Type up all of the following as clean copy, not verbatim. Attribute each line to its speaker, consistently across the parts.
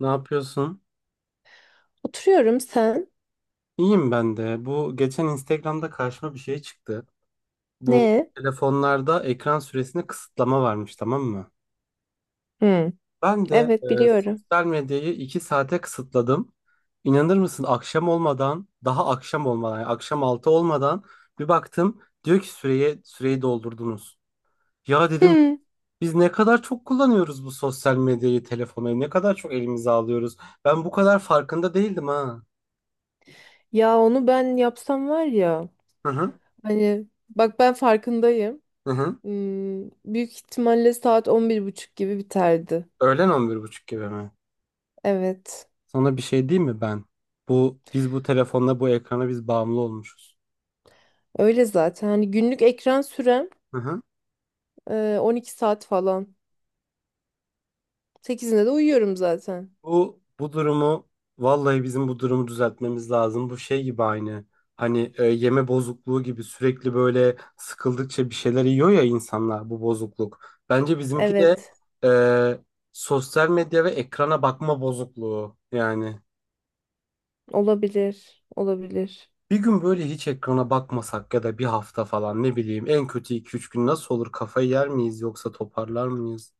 Speaker 1: Ne yapıyorsun?
Speaker 2: Oturuyorum sen.
Speaker 1: İyiyim ben de. Bu geçen Instagram'da karşıma bir şey çıktı. Bu
Speaker 2: Ne?
Speaker 1: telefonlarda ekran süresine kısıtlama varmış, tamam mı?
Speaker 2: Hı.
Speaker 1: Ben de
Speaker 2: Evet biliyorum.
Speaker 1: sosyal medyayı 2 saate kısıtladım. İnanır mısın? Akşam olmadan, daha akşam olmadan, yani akşam 6 olmadan bir baktım diyor ki süreye süreyi doldurdunuz. Ya dedim
Speaker 2: Hı.
Speaker 1: biz ne kadar çok kullanıyoruz bu sosyal medyayı, telefonu, ne kadar çok elimize alıyoruz. Ben bu kadar farkında değildim ha.
Speaker 2: Ya onu ben yapsam var ya.
Speaker 1: Hı hı.
Speaker 2: Hani bak ben farkındayım.
Speaker 1: Hı hı.
Speaker 2: Büyük ihtimalle saat 11.30 gibi biterdi.
Speaker 1: Öğlen on bir buçuk gibi mi?
Speaker 2: Evet.
Speaker 1: Sana bir şey diyeyim mi ben? Bu biz bu telefonla bu ekrana biz bağımlı olmuşuz.
Speaker 2: Öyle zaten. Hani günlük ekran sürem
Speaker 1: Hı hı.
Speaker 2: 12 saat falan. Sekizinde de uyuyorum zaten.
Speaker 1: Bu bu durumu vallahi bizim bu durumu düzeltmemiz lazım. Bu şey gibi aynı. Hani yeme bozukluğu gibi sürekli böyle sıkıldıkça bir şeyler yiyor ya insanlar bu bozukluk. Bence bizimki de
Speaker 2: Evet.
Speaker 1: e, sosyal medya ve ekrana bakma bozukluğu yani.
Speaker 2: Olabilir. Olabilir.
Speaker 1: Bir gün böyle hiç ekrana bakmasak ya da bir hafta falan ne bileyim en kötü 2-3 gün nasıl olur? Kafayı yer miyiz yoksa toparlar mıyız?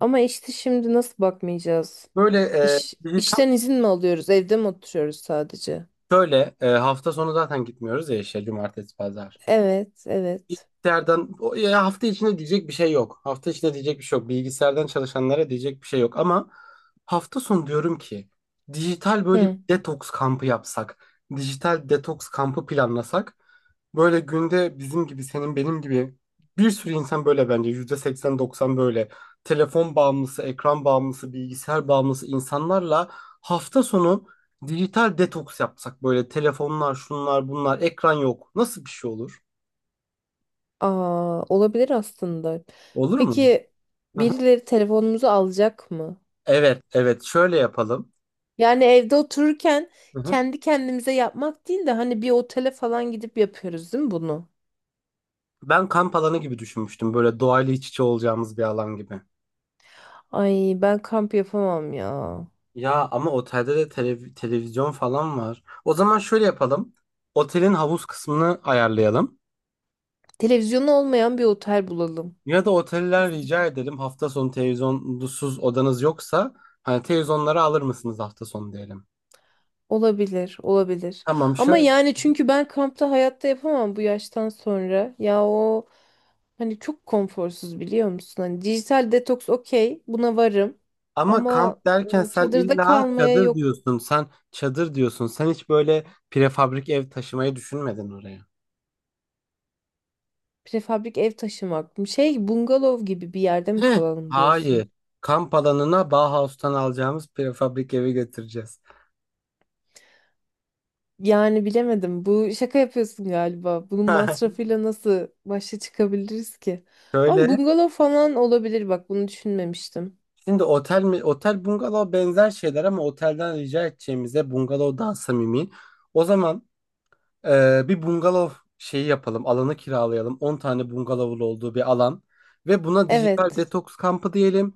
Speaker 2: Ama işte şimdi nasıl bakmayacağız?
Speaker 1: Böyle bizi tam
Speaker 2: İşten izin mi alıyoruz? Evde mi oturuyoruz sadece?
Speaker 1: şöyle hafta sonu zaten gitmiyoruz ya işe cumartesi pazar.
Speaker 2: Evet, evet.
Speaker 1: Bilgisayardan ya hafta içinde diyecek bir şey yok. Hafta içinde diyecek bir şey yok. Bilgisayardan çalışanlara diyecek bir şey yok. Ama hafta sonu diyorum ki dijital böyle bir
Speaker 2: Hı.
Speaker 1: detoks kampı yapsak. Dijital detoks kampı planlasak. Böyle günde bizim gibi senin benim gibi bir sürü insan böyle bence %80-90 böyle telefon bağımlısı, ekran bağımlısı, bilgisayar bağımlısı insanlarla hafta sonu dijital detoks yapsak böyle telefonlar, şunlar, bunlar, ekran yok. Nasıl bir şey olur?
Speaker 2: Aa, olabilir aslında.
Speaker 1: Olur mu?
Speaker 2: Peki
Speaker 1: Hı hı.
Speaker 2: birileri telefonumuzu alacak mı?
Speaker 1: Evet, evet. Şöyle yapalım.
Speaker 2: Yani evde otururken
Speaker 1: Hı hı.
Speaker 2: kendi kendimize yapmak değil de hani bir otele falan gidip yapıyoruz değil mi bunu?
Speaker 1: Ben kamp alanı gibi düşünmüştüm. Böyle doğayla iç içe olacağımız bir alan gibi.
Speaker 2: Ay ben kamp yapamam ya.
Speaker 1: Ya ama otelde de televizyon falan var. O zaman şöyle yapalım. Otelin havuz kısmını ayarlayalım.
Speaker 2: Televizyonu olmayan bir otel bulalım.
Speaker 1: Ya da oteller rica edelim hafta sonu televizyonsuz odanız yoksa hani televizyonları alır mısınız hafta sonu diyelim.
Speaker 2: Olabilir, olabilir.
Speaker 1: Tamam
Speaker 2: Ama
Speaker 1: şöyle.
Speaker 2: yani çünkü ben kampta hayatta yapamam bu yaştan sonra. Ya o hani çok konforsuz biliyor musun? Hani dijital detoks okey, buna varım.
Speaker 1: Ama
Speaker 2: Ama
Speaker 1: kamp derken sen
Speaker 2: çadırda
Speaker 1: illa
Speaker 2: kalmaya
Speaker 1: çadır
Speaker 2: yok.
Speaker 1: diyorsun. Sen çadır diyorsun. Sen hiç böyle prefabrik ev taşımayı düşünmedin oraya.
Speaker 2: Prefabrik ev taşımak mı? Şey bungalov gibi bir yerde mi
Speaker 1: Heh,
Speaker 2: kalalım diyorsun?
Speaker 1: hayır. Kamp alanına Bauhaus'tan alacağımız prefabrik evi götüreceğiz.
Speaker 2: Yani bilemedim. Bu şaka yapıyorsun galiba. Bunun masrafıyla nasıl başa çıkabiliriz ki? Ama
Speaker 1: Şöyle.
Speaker 2: bungalov falan olabilir bak bunu düşünmemiştim.
Speaker 1: Şimdi otel mi? Otel bungalov benzer şeyler ama otelden rica edeceğimize bungalov daha samimi. O zaman bir bungalov şeyi yapalım. Alanı kiralayalım. 10 tane bungalovun olduğu bir alan. Ve buna dijital
Speaker 2: Evet.
Speaker 1: detoks kampı diyelim.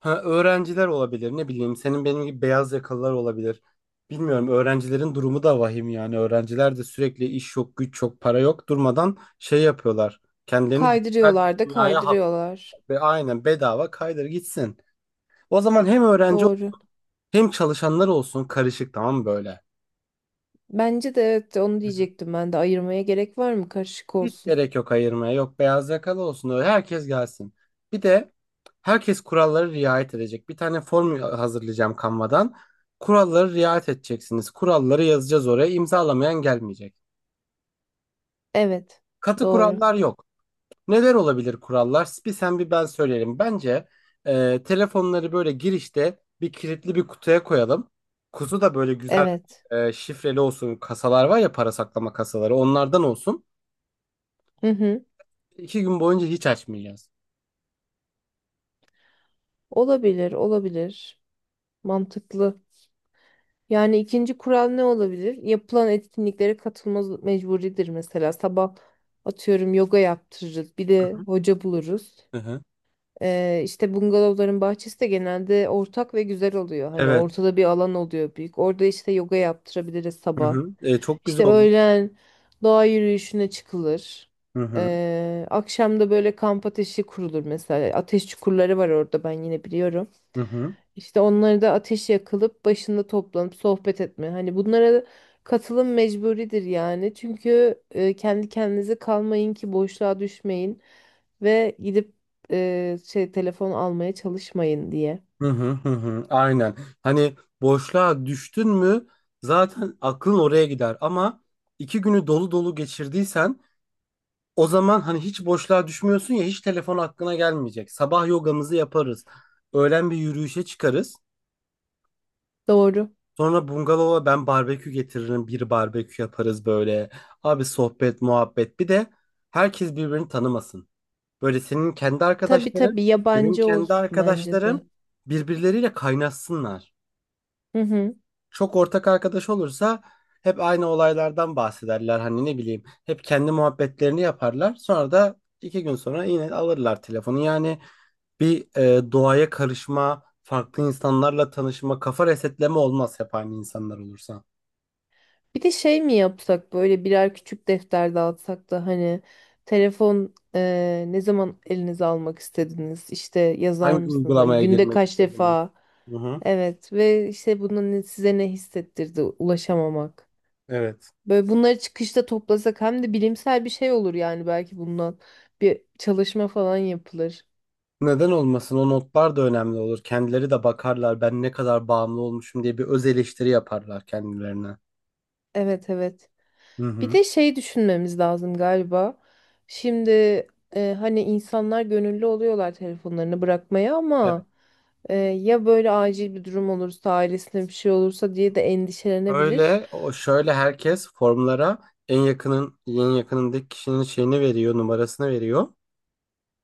Speaker 1: Ha, öğrenciler olabilir ne bileyim senin benim gibi beyaz yakalılar olabilir. Bilmiyorum öğrencilerin durumu da vahim yani öğrenciler de sürekli iş yok güç yok para yok durmadan şey yapıyorlar. Kendilerini dijital bir
Speaker 2: Kaydırıyorlar da
Speaker 1: dünyaya hapsediyor
Speaker 2: kaydırıyorlar.
Speaker 1: ve aynen bedava kaydır gitsin. O zaman hem öğrenci
Speaker 2: Doğru.
Speaker 1: hem çalışanlar olsun karışık tamam mı böyle?
Speaker 2: Bence de evet onu diyecektim ben de. Ayırmaya gerek var mı? Karışık
Speaker 1: Hiç
Speaker 2: olsun.
Speaker 1: gerek yok ayırmaya. Yok beyaz yakalı olsun öyle. Herkes gelsin. Bir de herkes kurallara riayet edecek. Bir tane form hazırlayacağım Canva'dan. Kurallara riayet edeceksiniz. Kuralları yazacağız oraya. İmzalamayan gelmeyecek.
Speaker 2: Evet.
Speaker 1: Katı
Speaker 2: Doğru.
Speaker 1: kurallar yok. Neler olabilir kurallar? Bir sen bir ben söyleyelim. Bence telefonları böyle girişte bir kilitli bir kutuya koyalım. Kutu da böyle güzel
Speaker 2: Evet.
Speaker 1: şifreli olsun. Kasalar var ya para saklama kasaları. Onlardan olsun.
Speaker 2: Hı hı.
Speaker 1: 2 gün boyunca hiç açmayacağız.
Speaker 2: Olabilir, olabilir. Mantıklı. Yani ikinci kural ne olabilir? Yapılan etkinliklere katılma mecburidir mesela. Sabah atıyorum yoga yaptırırız. Bir de
Speaker 1: Hı-hı.
Speaker 2: hoca buluruz.
Speaker 1: Hı-hı.
Speaker 2: İşte bungalovların bahçesi de genelde ortak ve güzel oluyor. Hani
Speaker 1: Evet.
Speaker 2: ortada bir alan oluyor büyük. Orada işte yoga yaptırabiliriz sabah.
Speaker 1: Hı-hı. E, çok güzel
Speaker 2: İşte
Speaker 1: oldu.
Speaker 2: öğlen doğa yürüyüşüne çıkılır.
Speaker 1: Hı-hı.
Speaker 2: Akşam da böyle kamp ateşi kurulur mesela. Ateş çukurları var orada ben yine biliyorum.
Speaker 1: Hı-hı.
Speaker 2: İşte onları da ateş yakılıp başında toplanıp sohbet etme. Hani bunlara katılım mecburidir yani. Çünkü kendi kendinize kalmayın ki boşluğa düşmeyin ve gidip şey telefon almaya çalışmayın diye.
Speaker 1: Hı-hı. Hı-hı. Aynen. Hani boşluğa düştün mü zaten aklın oraya gider. Ama 2 günü dolu dolu geçirdiysen o zaman hani hiç boşluğa düşmüyorsun ya hiç telefon aklına gelmeyecek. Sabah yogamızı yaparız. Öğlen bir yürüyüşe çıkarız.
Speaker 2: Doğru.
Speaker 1: Sonra bungalova ben barbekü getiririm. Bir barbekü yaparız böyle. Abi sohbet, muhabbet. Bir de herkes birbirini tanımasın. Böyle senin kendi
Speaker 2: Tabii
Speaker 1: arkadaşların,
Speaker 2: tabii
Speaker 1: benim
Speaker 2: yabancı
Speaker 1: kendi
Speaker 2: olsun bence de.
Speaker 1: arkadaşlarım birbirleriyle kaynaşsınlar.
Speaker 2: Hı hı.
Speaker 1: Çok ortak arkadaş olursa hep aynı olaylardan bahsederler. Hani ne bileyim hep kendi muhabbetlerini yaparlar. Sonra da 2 gün sonra yine alırlar telefonu. Yani bir doğaya karışma, farklı insanlarla tanışma, kafa resetleme olmaz hep aynı insanlar olursa.
Speaker 2: Bir de şey mi yapsak böyle birer küçük defter dağıtsak da hani telefon ne zaman elinize almak istediniz? İşte yazar
Speaker 1: Hangi
Speaker 2: mısınız? Hani
Speaker 1: uygulamaya
Speaker 2: günde
Speaker 1: girmek
Speaker 2: kaç
Speaker 1: istediniz?
Speaker 2: defa?
Speaker 1: Hı hı.
Speaker 2: Evet ve işte bunun size ne hissettirdi ulaşamamak.
Speaker 1: Evet.
Speaker 2: Böyle bunları çıkışta toplasak hem de bilimsel bir şey olur yani belki bundan bir çalışma falan yapılır.
Speaker 1: Neden olmasın? O notlar da önemli olur. Kendileri de bakarlar ben ne kadar bağımlı olmuşum diye bir öz eleştiri yaparlar kendilerine.
Speaker 2: Evet evet.
Speaker 1: Hı
Speaker 2: Bir
Speaker 1: hı.
Speaker 2: de şey düşünmemiz lazım galiba. Şimdi hani insanlar gönüllü oluyorlar telefonlarını bırakmaya
Speaker 1: Evet.
Speaker 2: ama ya böyle acil bir durum olursa ailesine bir şey olursa diye de endişelenebilir.
Speaker 1: Böyle şöyle herkes formlara en yakının en yakınındaki kişinin şeyini veriyor, numarasını veriyor.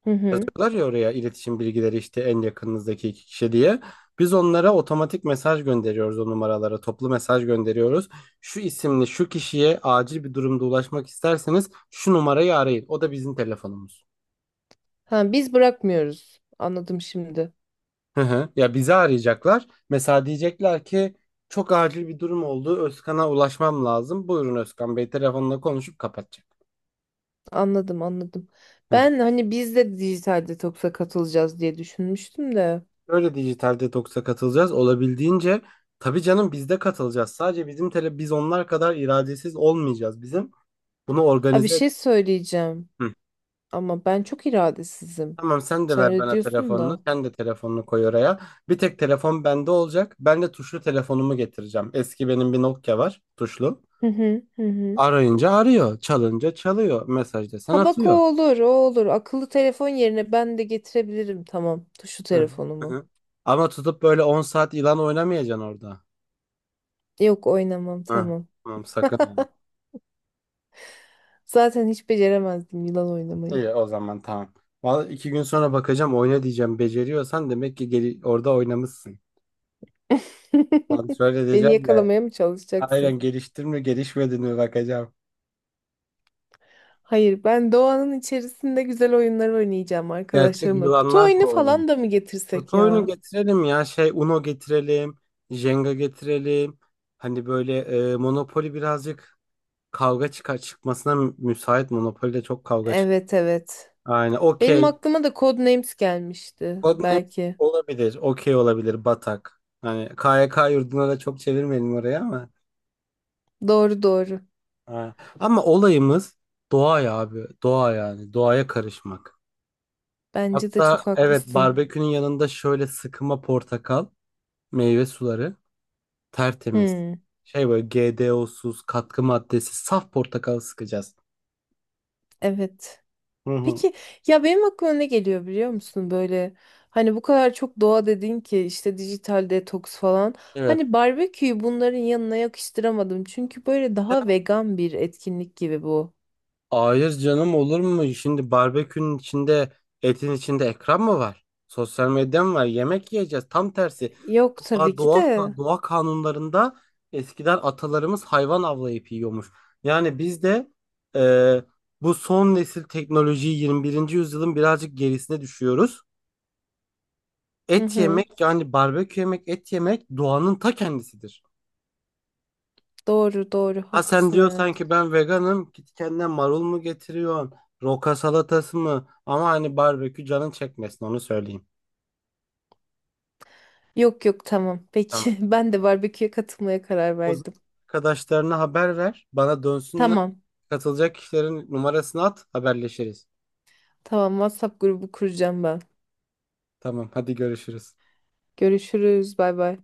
Speaker 2: Hı hı.
Speaker 1: Var ya oraya iletişim bilgileri işte en yakınınızdaki iki kişi diye. Biz onlara otomatik mesaj gönderiyoruz o numaralara. Toplu mesaj gönderiyoruz. Şu isimli şu kişiye acil bir durumda ulaşmak isterseniz şu numarayı arayın. O da bizim telefonumuz.
Speaker 2: Ha, biz bırakmıyoruz. Anladım şimdi.
Speaker 1: Hı hı. Ya bizi arayacaklar. Mesela diyecekler ki çok acil bir durum oldu. Özkan'a ulaşmam lazım. Buyurun Özkan Bey telefonla konuşup kapatacak.
Speaker 2: Anladım anladım. Ben hani biz de dijital detoksa katılacağız diye düşünmüştüm de.
Speaker 1: Şöyle dijital detoksa katılacağız. Olabildiğince tabii canım biz de katılacağız. Sadece bizim biz onlar kadar iradesiz olmayacağız. Bizim bunu
Speaker 2: Abi bir
Speaker 1: organize et.
Speaker 2: şey söyleyeceğim
Speaker 1: Hı.
Speaker 2: ama ben çok iradesizim.
Speaker 1: Tamam sen de
Speaker 2: Sen
Speaker 1: ver
Speaker 2: öyle
Speaker 1: bana
Speaker 2: diyorsun
Speaker 1: telefonunu.
Speaker 2: da.
Speaker 1: Sen de telefonunu koy oraya. Bir tek telefon bende olacak. Ben de tuşlu telefonumu getireceğim. Eski benim bir Nokia var tuşlu.
Speaker 2: Hı hı hı hı.
Speaker 1: Arayınca arıyor. Çalınca çalıyor. Mesaj desen
Speaker 2: Ha bak o
Speaker 1: atıyor.
Speaker 2: olur o olur. Akıllı telefon yerine ben de getirebilirim tamam. Tuşlu
Speaker 1: Hı hı. Hı
Speaker 2: telefonumu.
Speaker 1: hı. Ama tutup böyle 10 saat ilan oynamayacaksın orada.
Speaker 2: Yok oynamam
Speaker 1: Hı.
Speaker 2: tamam.
Speaker 1: Tamam sakın.
Speaker 2: Zaten hiç beceremezdim yılan oynamayı.
Speaker 1: İyi o zaman tamam. Vallahi 2 gün sonra bakacağım oyna diyeceğim. Beceriyorsan demek ki orada oynamışsın. Kontrol
Speaker 2: Beni
Speaker 1: edeceğim ya.
Speaker 2: yakalamaya mı
Speaker 1: Aynen
Speaker 2: çalışacaksın?
Speaker 1: geliştin mi gelişmedin mi bakacağım.
Speaker 2: Hayır, ben doğanın içerisinde güzel oyunlar oynayacağım
Speaker 1: Gerçek
Speaker 2: arkadaşlarımla. Kutu
Speaker 1: yılanlar
Speaker 2: oyunu
Speaker 1: kovalayalım.
Speaker 2: falan da mı getirsek
Speaker 1: Kutu oyunu
Speaker 2: ya?
Speaker 1: getirelim ya. Şey Uno getirelim. Jenga getirelim. Hani böyle Monopoly birazcık kavga çıkar çıkmasına müsait. Monopoly'de çok kavga çıkar.
Speaker 2: Evet evet.
Speaker 1: Aynen
Speaker 2: Benim
Speaker 1: okey.
Speaker 2: aklıma da Codenames gelmişti
Speaker 1: Codenames
Speaker 2: belki.
Speaker 1: olabilir. Okey olabilir. Batak. Hani KYK yurduna da çok çevirmeyelim oraya ama.
Speaker 2: Doğru doğru.
Speaker 1: Ha. Ama olayımız doğa ya abi. Doğa yani. Doğaya karışmak.
Speaker 2: Bence de
Speaker 1: Hatta
Speaker 2: çok
Speaker 1: evet
Speaker 2: haklısın.
Speaker 1: barbekünün yanında şöyle sıkıma portakal, meyve suları tertemiz.
Speaker 2: Hmm,
Speaker 1: Şey böyle GDO'suz, katkı maddesi, saf portakal sıkacağız.
Speaker 2: evet.
Speaker 1: Hı hı.
Speaker 2: Peki ya benim aklıma ne geliyor biliyor musun böyle? Hani bu kadar çok doğa dedin ki işte dijital detoks falan.
Speaker 1: Evet.
Speaker 2: Hani barbeküyü bunların yanına yakıştıramadım. Çünkü böyle daha vegan bir etkinlik gibi bu.
Speaker 1: Hayır canım olur mu? Şimdi barbekünün içinde etin içinde ekran mı var? Sosyal medya mı var? Yemek yiyeceğiz. Tam tersi.
Speaker 2: Yok
Speaker 1: Doğa,
Speaker 2: tabii ki
Speaker 1: doğa,
Speaker 2: de.
Speaker 1: doğa kanunlarında eskiden atalarımız hayvan avlayıp yiyormuş. Yani biz de e, bu son nesil teknolojiyi 21. yüzyılın birazcık gerisine düşüyoruz.
Speaker 2: Hı
Speaker 1: Et
Speaker 2: hı.
Speaker 1: yemek yani barbekü yemek et yemek doğanın ta kendisidir.
Speaker 2: Doğru doğru
Speaker 1: Ha sen
Speaker 2: haklısın
Speaker 1: diyor
Speaker 2: evet.
Speaker 1: sanki ben veganım. Git kendine marul mu getiriyorsun? Roka salatası mı? Ama hani barbekü canın çekmesin onu söyleyeyim.
Speaker 2: Yok yok tamam
Speaker 1: Tamam.
Speaker 2: peki ben de barbeküye katılmaya karar
Speaker 1: O zaman
Speaker 2: verdim.
Speaker 1: arkadaşlarına haber ver. Bana dönsünler.
Speaker 2: Tamam
Speaker 1: Katılacak kişilerin numarasını at. Haberleşiriz.
Speaker 2: tamam WhatsApp grubu kuracağım ben.
Speaker 1: Tamam hadi görüşürüz.
Speaker 2: Görüşürüz bay bay.